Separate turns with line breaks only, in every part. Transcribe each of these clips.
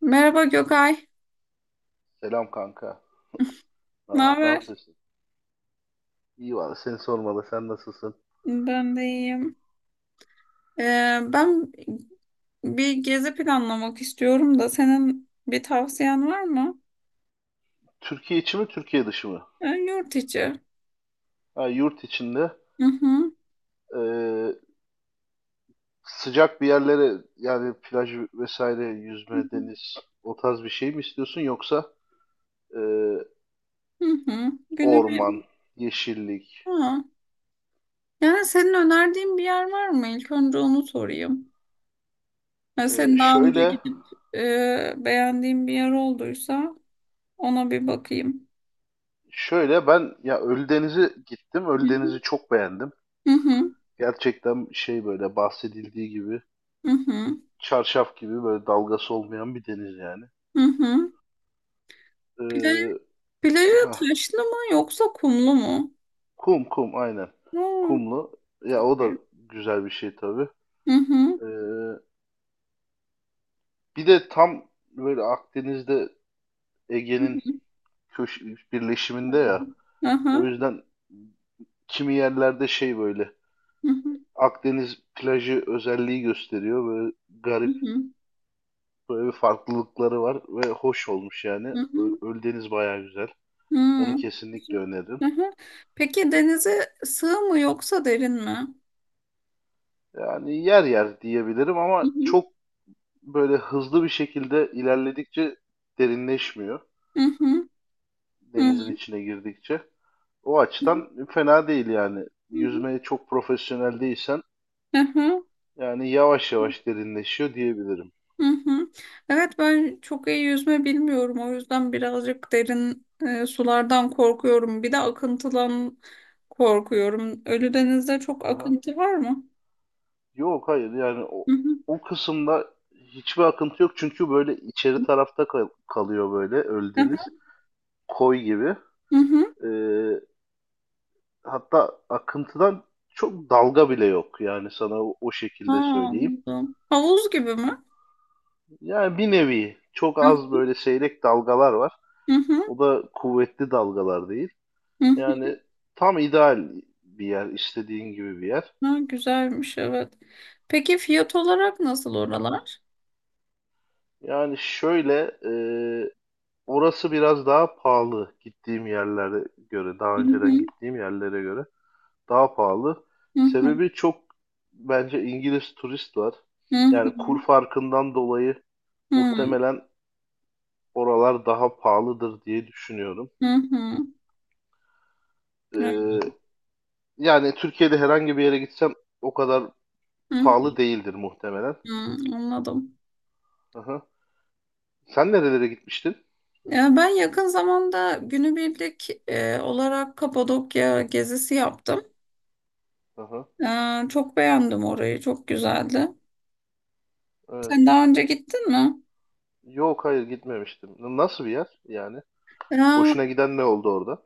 Merhaba Gökay.
Selam kanka.
Ne
Ne, ne
haber?
yapıyorsun? İyi valla seni sormalı. Sen nasılsın?
Ben de iyiyim. Ben bir gezi planlamak istiyorum da senin bir tavsiyen var mı?
Türkiye içi mi, Türkiye dışı mı?
Yurt içi.
Ha, yurt içinde
Hı hı.
eee, sıcak bir yerlere yani plaj vesaire, yüzme, deniz o tarz bir şey mi istiyorsun yoksa eee,
Hı hı.
orman, yeşillik?
Ha. Yani senin önerdiğin bir yer var mı? İlk önce onu sorayım. Yani senin daha önce
Şöyle
gidip beğendiğin bir yer olduysa ona bir bakayım.
şöyle ben ya Ölüdeniz'e gittim.
Hı hı.
Ölüdeniz'i çok beğendim.
Hı hı.
Gerçekten şey böyle bahsedildiği gibi
Hı hı.
çarşaf gibi böyle dalgası olmayan bir deniz yani.
Hı hı. Plaj,
Eee,
plajı
Heh,
taşlı mı yoksa kumlu mu?
kum aynen.
Hı.
Kumlu. Ya o
Çok
da
büyük.
güzel bir şey tabii.
Hı hı.
Ee, bir de tam böyle Akdeniz'de
Hı
Ege'nin
hı.
köş birleşiminde ya.
Hı
O
hı.
yüzden kimi yerlerde şey böyle
Hı hı.
Akdeniz plajı özelliği gösteriyor. Böyle
Hı
garip
hı.
böyle bir farklılıkları var ve hoş olmuş yani.
Hı hı.
Ölüdeniz bayağı güzel. Onu
Hı.
kesinlikle öneririm.
Hı hı. Peki denize sığ mı yoksa derin mi?
Yani yer yer diyebilirim
Hı
ama
hı.
çok böyle hızlı bir şekilde ilerledikçe derinleşmiyor.
Hı hı. Hı
Denizin
hı.
içine girdikçe. O açıdan fena değil yani. Yüzmeye çok profesyonel değilsen
Hı hı.
yani yavaş yavaş derinleşiyor diyebilirim.
Hı hı. Evet, ben çok iyi yüzme bilmiyorum, o yüzden birazcık derin sulardan korkuyorum. Bir de akıntıdan korkuyorum. Ölüdeniz'de çok
Aha.
akıntı var mı?
Yok hayır yani
Hı hı.
o kısımda hiçbir akıntı yok çünkü böyle içeri tarafta kalıyor böyle
Hı
Ölüdeniz.
hı.
Koy gibi.
Hı hı.
Ee, hatta akıntıdan çok dalga bile yok yani sana o
Ha,
şekilde söyleyeyim.
anladım. Havuz gibi mi?
Yani bir nevi çok az böyle seyrek dalgalar var.
Hı hı,
O da kuvvetli dalgalar değil.
hı hı.
Yani tam ideal bir yer, istediğin gibi bir yer.
Ha, güzelmiş, evet. Peki fiyat olarak nasıl oralar?
Yani şöyle, orası biraz daha pahalı gittiğim yerlere göre, daha
Hı
önceden
hı,
gittiğim yerlere göre daha pahalı.
hı hı,
Sebebi çok bence İngiliz turist var. Yani kur
hı
farkından dolayı
hı, hı
muhtemelen oralar daha pahalıdır diye düşünüyorum.
hı, hı. Evet,
E, yani Türkiye'de herhangi bir yere gitsem o kadar
hı
pahalı değildir muhtemelen.
hı, anladım.
Aha. Sen nerelere gitmiştin?
Ya ben yakın zamanda günübirlik olarak Kapadokya gezisi yaptım.
Aha,
Çok beğendim orayı, çok güzeldi. Sen
evet.
daha önce gittin mi?
Yok hayır gitmemiştim. Nasıl bir yer yani?
Ya,
Hoşuna giden ne oldu orada?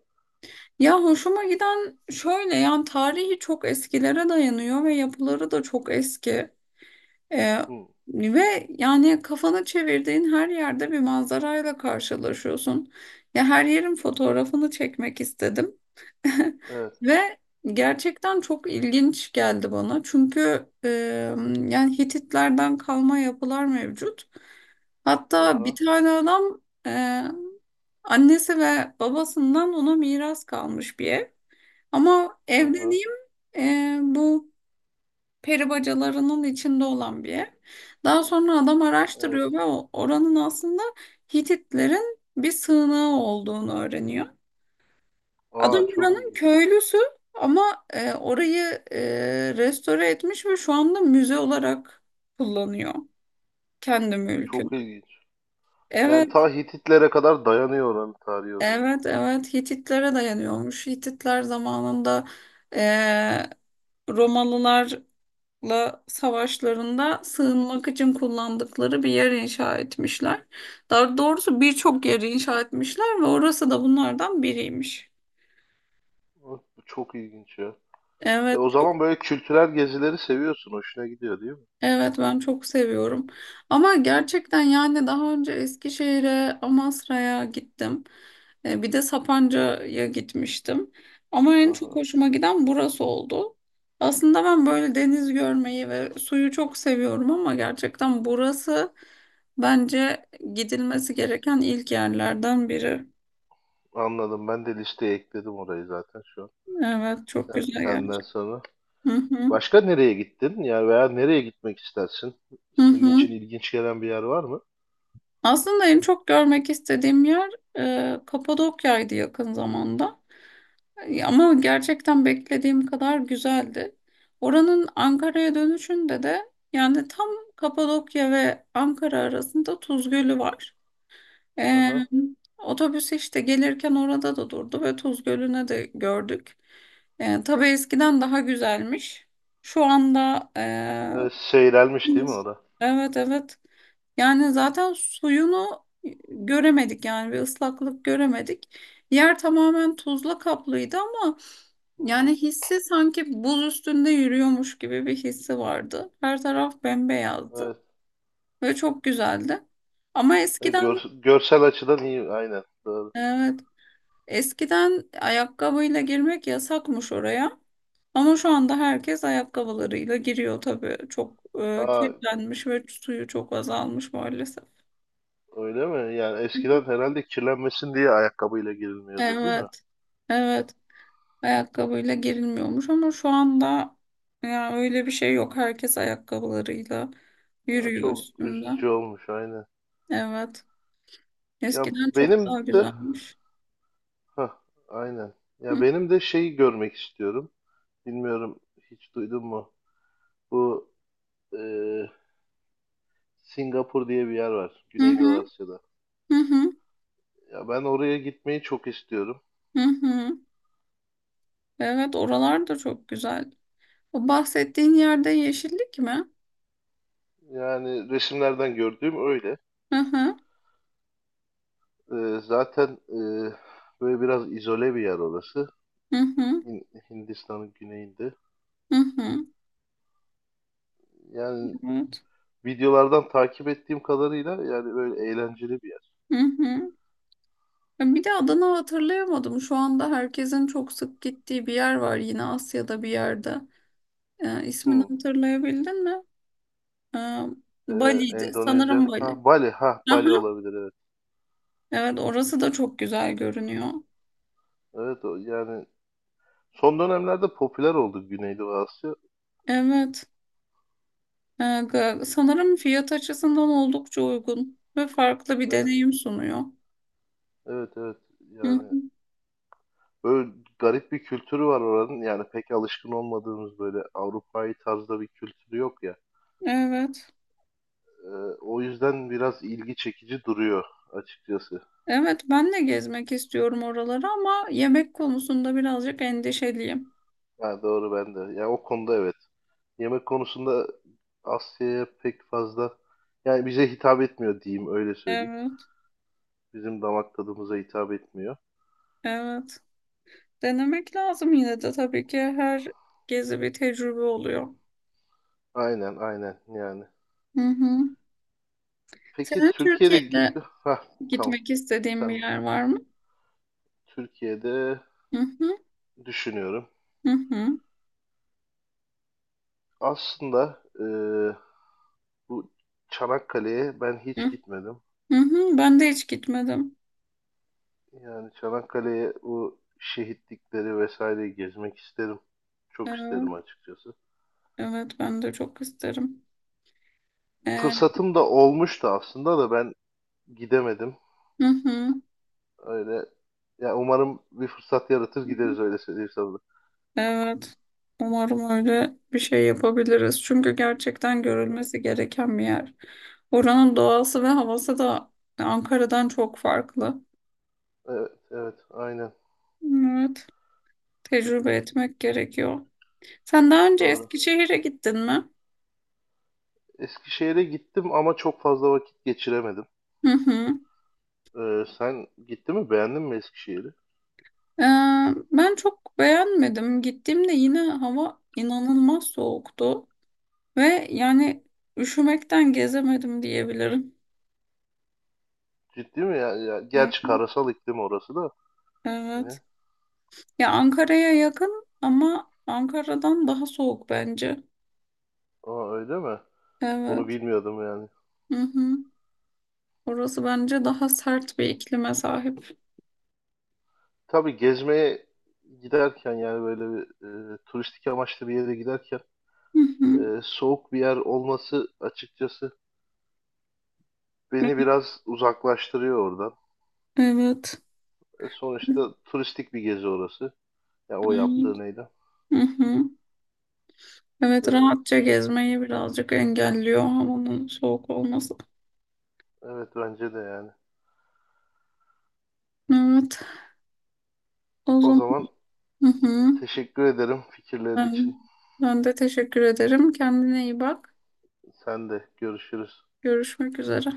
ya hoşuma giden şöyle, yani tarihi çok eskilere dayanıyor ve yapıları da çok eski. Ee,
Hı,
Ve yani kafanı çevirdiğin her yerde bir manzarayla karşılaşıyorsun. Ya, her yerin fotoğrafını çekmek istedim.
evet.
Ve gerçekten çok ilginç geldi bana. Çünkü yani Hititlerden kalma yapılar mevcut. Hatta bir
Aha,
tane adam, e, annesi ve babasından ona miras kalmış bir ev. Ama
aha,
evleneyim bu peri bacalarının içinde olan bir ev. Daha sonra adam
evet.
araştırıyor ve oranın aslında Hititlerin bir sığınağı olduğunu öğreniyor. Adam
Aa, çok
oranın
ilginç.
köylüsü ama orayı, restore etmiş ve şu anda müze olarak kullanıyor kendi mülkünü.
Çok ilginç. Yani
Evet,
ta Hititlere kadar dayanıyor oranın tarihi o zaman.
evet, evet, Hititlere dayanıyormuş. Hititler zamanında, e, Romalılar La savaşlarında sığınmak için kullandıkları bir yer inşa etmişler. Daha doğrusu birçok yeri inşa etmişler ve orası da bunlardan biriymiş.
Hı. Bu çok ilginç ya. E,
Evet,
o zaman böyle kültürel gezileri seviyorsun. Hoşuna gidiyor değil mi?
evet ben çok seviyorum. Ama gerçekten, yani daha önce Eskişehir'e, Amasra'ya gittim. Bir de Sapanca'ya gitmiştim. Ama en çok
Aha.
hoşuma giden burası oldu. Aslında ben böyle deniz görmeyi ve suyu çok seviyorum ama gerçekten burası bence gidilmesi gereken ilk yerlerden biri.
Anladım. Ben de listeye ekledim orayı zaten şu an.
Evet, çok güzel
Senden
gerçekten.
sonra.
Hı hı.
Başka nereye gittin? Yani veya nereye gitmek istersin?
Hı
Senin
hı.
için ilginç gelen bir yer var mı?
Aslında en çok görmek istediğim yer Kapadokya'ydı yakın zamanda. Ama gerçekten beklediğim kadar güzeldi. Oranın Ankara'ya dönüşünde de, yani tam Kapadokya ve Ankara arasında Tuz Gölü var. Ee,
Aha.
Otobüs işte gelirken orada da durdu ve Tuz Gölü'ne de gördük. Tabii eskiden daha güzelmiş. Şu anda.
E, seyrelmiş değil mi o da?
Evet, evet. Yani zaten suyunu göremedik, yani bir ıslaklık göremedik. Yer tamamen tuzla kaplıydı ama
Hı hı.
yani hissi sanki buz üstünde yürüyormuş gibi bir hissi vardı. Her taraf bembeyazdı
Evet.
ve çok güzeldi. Ama
E,
eskiden,
görsel açıdan iyi. Aynen. Doğru.
evet, eskiden ayakkabıyla girmek yasakmış oraya. Ama şu anda herkes ayakkabılarıyla giriyor tabii. Çok
Aa,
kirlenmiş ve suyu çok azalmış maalesef.
öyle mi? Yani eskiden herhalde kirlenmesin diye ayakkabıyla girilmiyordu değil mi?
Evet. Evet. Ayakkabıyla girilmiyormuş ama şu anda ya öyle bir şey yok. Herkes ayakkabılarıyla
Aa,
yürüyor
çok
üstünde.
üzücü olmuş. Aynen.
Evet.
Ya
Eskiden çok
benim
daha
de
güzelmiş.
Hah, aynen. Ya
Hı
benim de şeyi görmek istiyorum. Bilmiyorum hiç duydun mu? Bu e, Singapur diye bir yer var.
hı, hı
Güneydoğu Asya'da.
hı, hı.
Ya ben oraya gitmeyi çok istiyorum.
Hı. Evet, oralar da çok güzel. O bahsettiğin yerde yeşillik mi?
Yani resimlerden gördüğüm öyle.
Hı hı,
Zaten böyle biraz izole bir yer orası.
hı hı,
Hindistan'ın güneyinde.
hı. Hı.
Yani
Evet.
videolardan takip ettiğim kadarıyla yani böyle eğlenceli bir yer.
Hı hı. Ya, bir de adını hatırlayamadım. Şu anda herkesin çok sık gittiği bir yer var yine Asya'da bir yerde. İsmini
Hmm.
hatırlayabildin mi? Ee, Bali'ydi.
Endonezya.
Sanırım Bali.
Ha Bali. Ha
Aha,
Bali olabilir evet.
evet orası da çok güzel görünüyor.
Evet o yani son dönemlerde popüler oldu Güneydoğu Asya.
Evet. Sanırım fiyat açısından oldukça uygun ve farklı bir
Evet
deneyim sunuyor.
evet evet.
Hı
Yani
hı,
böyle garip bir kültürü var oranın. Yani pek alışkın olmadığımız böyle Avrupa'yı tarzda bir kültürü yok ya.
evet.
Ee, o yüzden biraz ilgi çekici duruyor açıkçası.
Evet, ben de gezmek istiyorum oraları ama yemek konusunda birazcık endişeliyim.
Ha, doğru ben de. Yani o konuda evet. Yemek konusunda Asya'ya pek fazla yani bize hitap etmiyor diyeyim öyle söyleyeyim.
Evet.
Bizim damak tadımıza hitap etmiyor.
Evet. Denemek lazım yine de, tabii ki her gezi bir tecrübe oluyor.
Aynen aynen yani.
Hı hı.
Peki
Senin
Türkiye'de git
Türkiye'de
ha tamam.
gitmek istediğim bir
Sen bana.
yer var mı?
Türkiye'de
Hı hı,
düşünüyorum.
hı hı,
Aslında bu Çanakkale'ye ben
hı
hiç gitmedim.
hı. Hı. Ben de hiç gitmedim.
Yani Çanakkale'ye bu şehitlikleri vesaire gezmek isterim. Çok
Evet,
isterim açıkçası.
evet ben de çok isterim. Ee,
Fırsatım da olmuştu aslında da ben gidemedim.
hı hı.
Öyle ya umarım bir fırsat yaratır gideriz öyle söyleyeyim sana.
Evet. Umarım öyle bir şey yapabiliriz. Çünkü gerçekten görülmesi gereken bir yer. Oranın doğası ve havası da Ankara'dan çok farklı.
Evet, evet, aynen
Evet. Tecrübe etmek gerekiyor. Sen daha önce
doğru.
Eskişehir'e gittin mi?
Eskişehir'e gittim ama çok fazla vakit geçiremedim.
Hı hı.
Sen gitti mi? Beğendin mi Eskişehir'i?
Ee, Ben çok beğenmedim. Gittiğimde yine hava inanılmaz soğuktu ve yani üşümekten gezemedim diyebilirim.
Ciddi mi ya? Ya gerçi
Yani,
karasal iklim orası da
evet.
yine.
Ya, Ankara'ya yakın ama Ankara'dan daha soğuk bence.
Aa öyle mi? Onu
Evet.
bilmiyordum yani.
Hı hı. Orası bence daha sert bir iklime sahip.
Tabii gezmeye giderken yani böyle bir turistik amaçlı bir yere giderken
Hı hı.
soğuk bir yer olması açıkçası beni biraz uzaklaştırıyor oradan.
Evet.
E, sonuçta turistik bir gezi orası. Ya o
Evet.
yaptığı neydi?
Hı hı. Evet,
E,
rahatça gezmeyi birazcık engelliyor havanın soğuk olması.
evet bence de yani.
Evet. O
O
zaman,
zaman
hı hı.
teşekkür ederim fikirler
Ben,
için.
ben de teşekkür ederim. Kendine iyi bak.
Sen de görüşürüz.
Görüşmek üzere.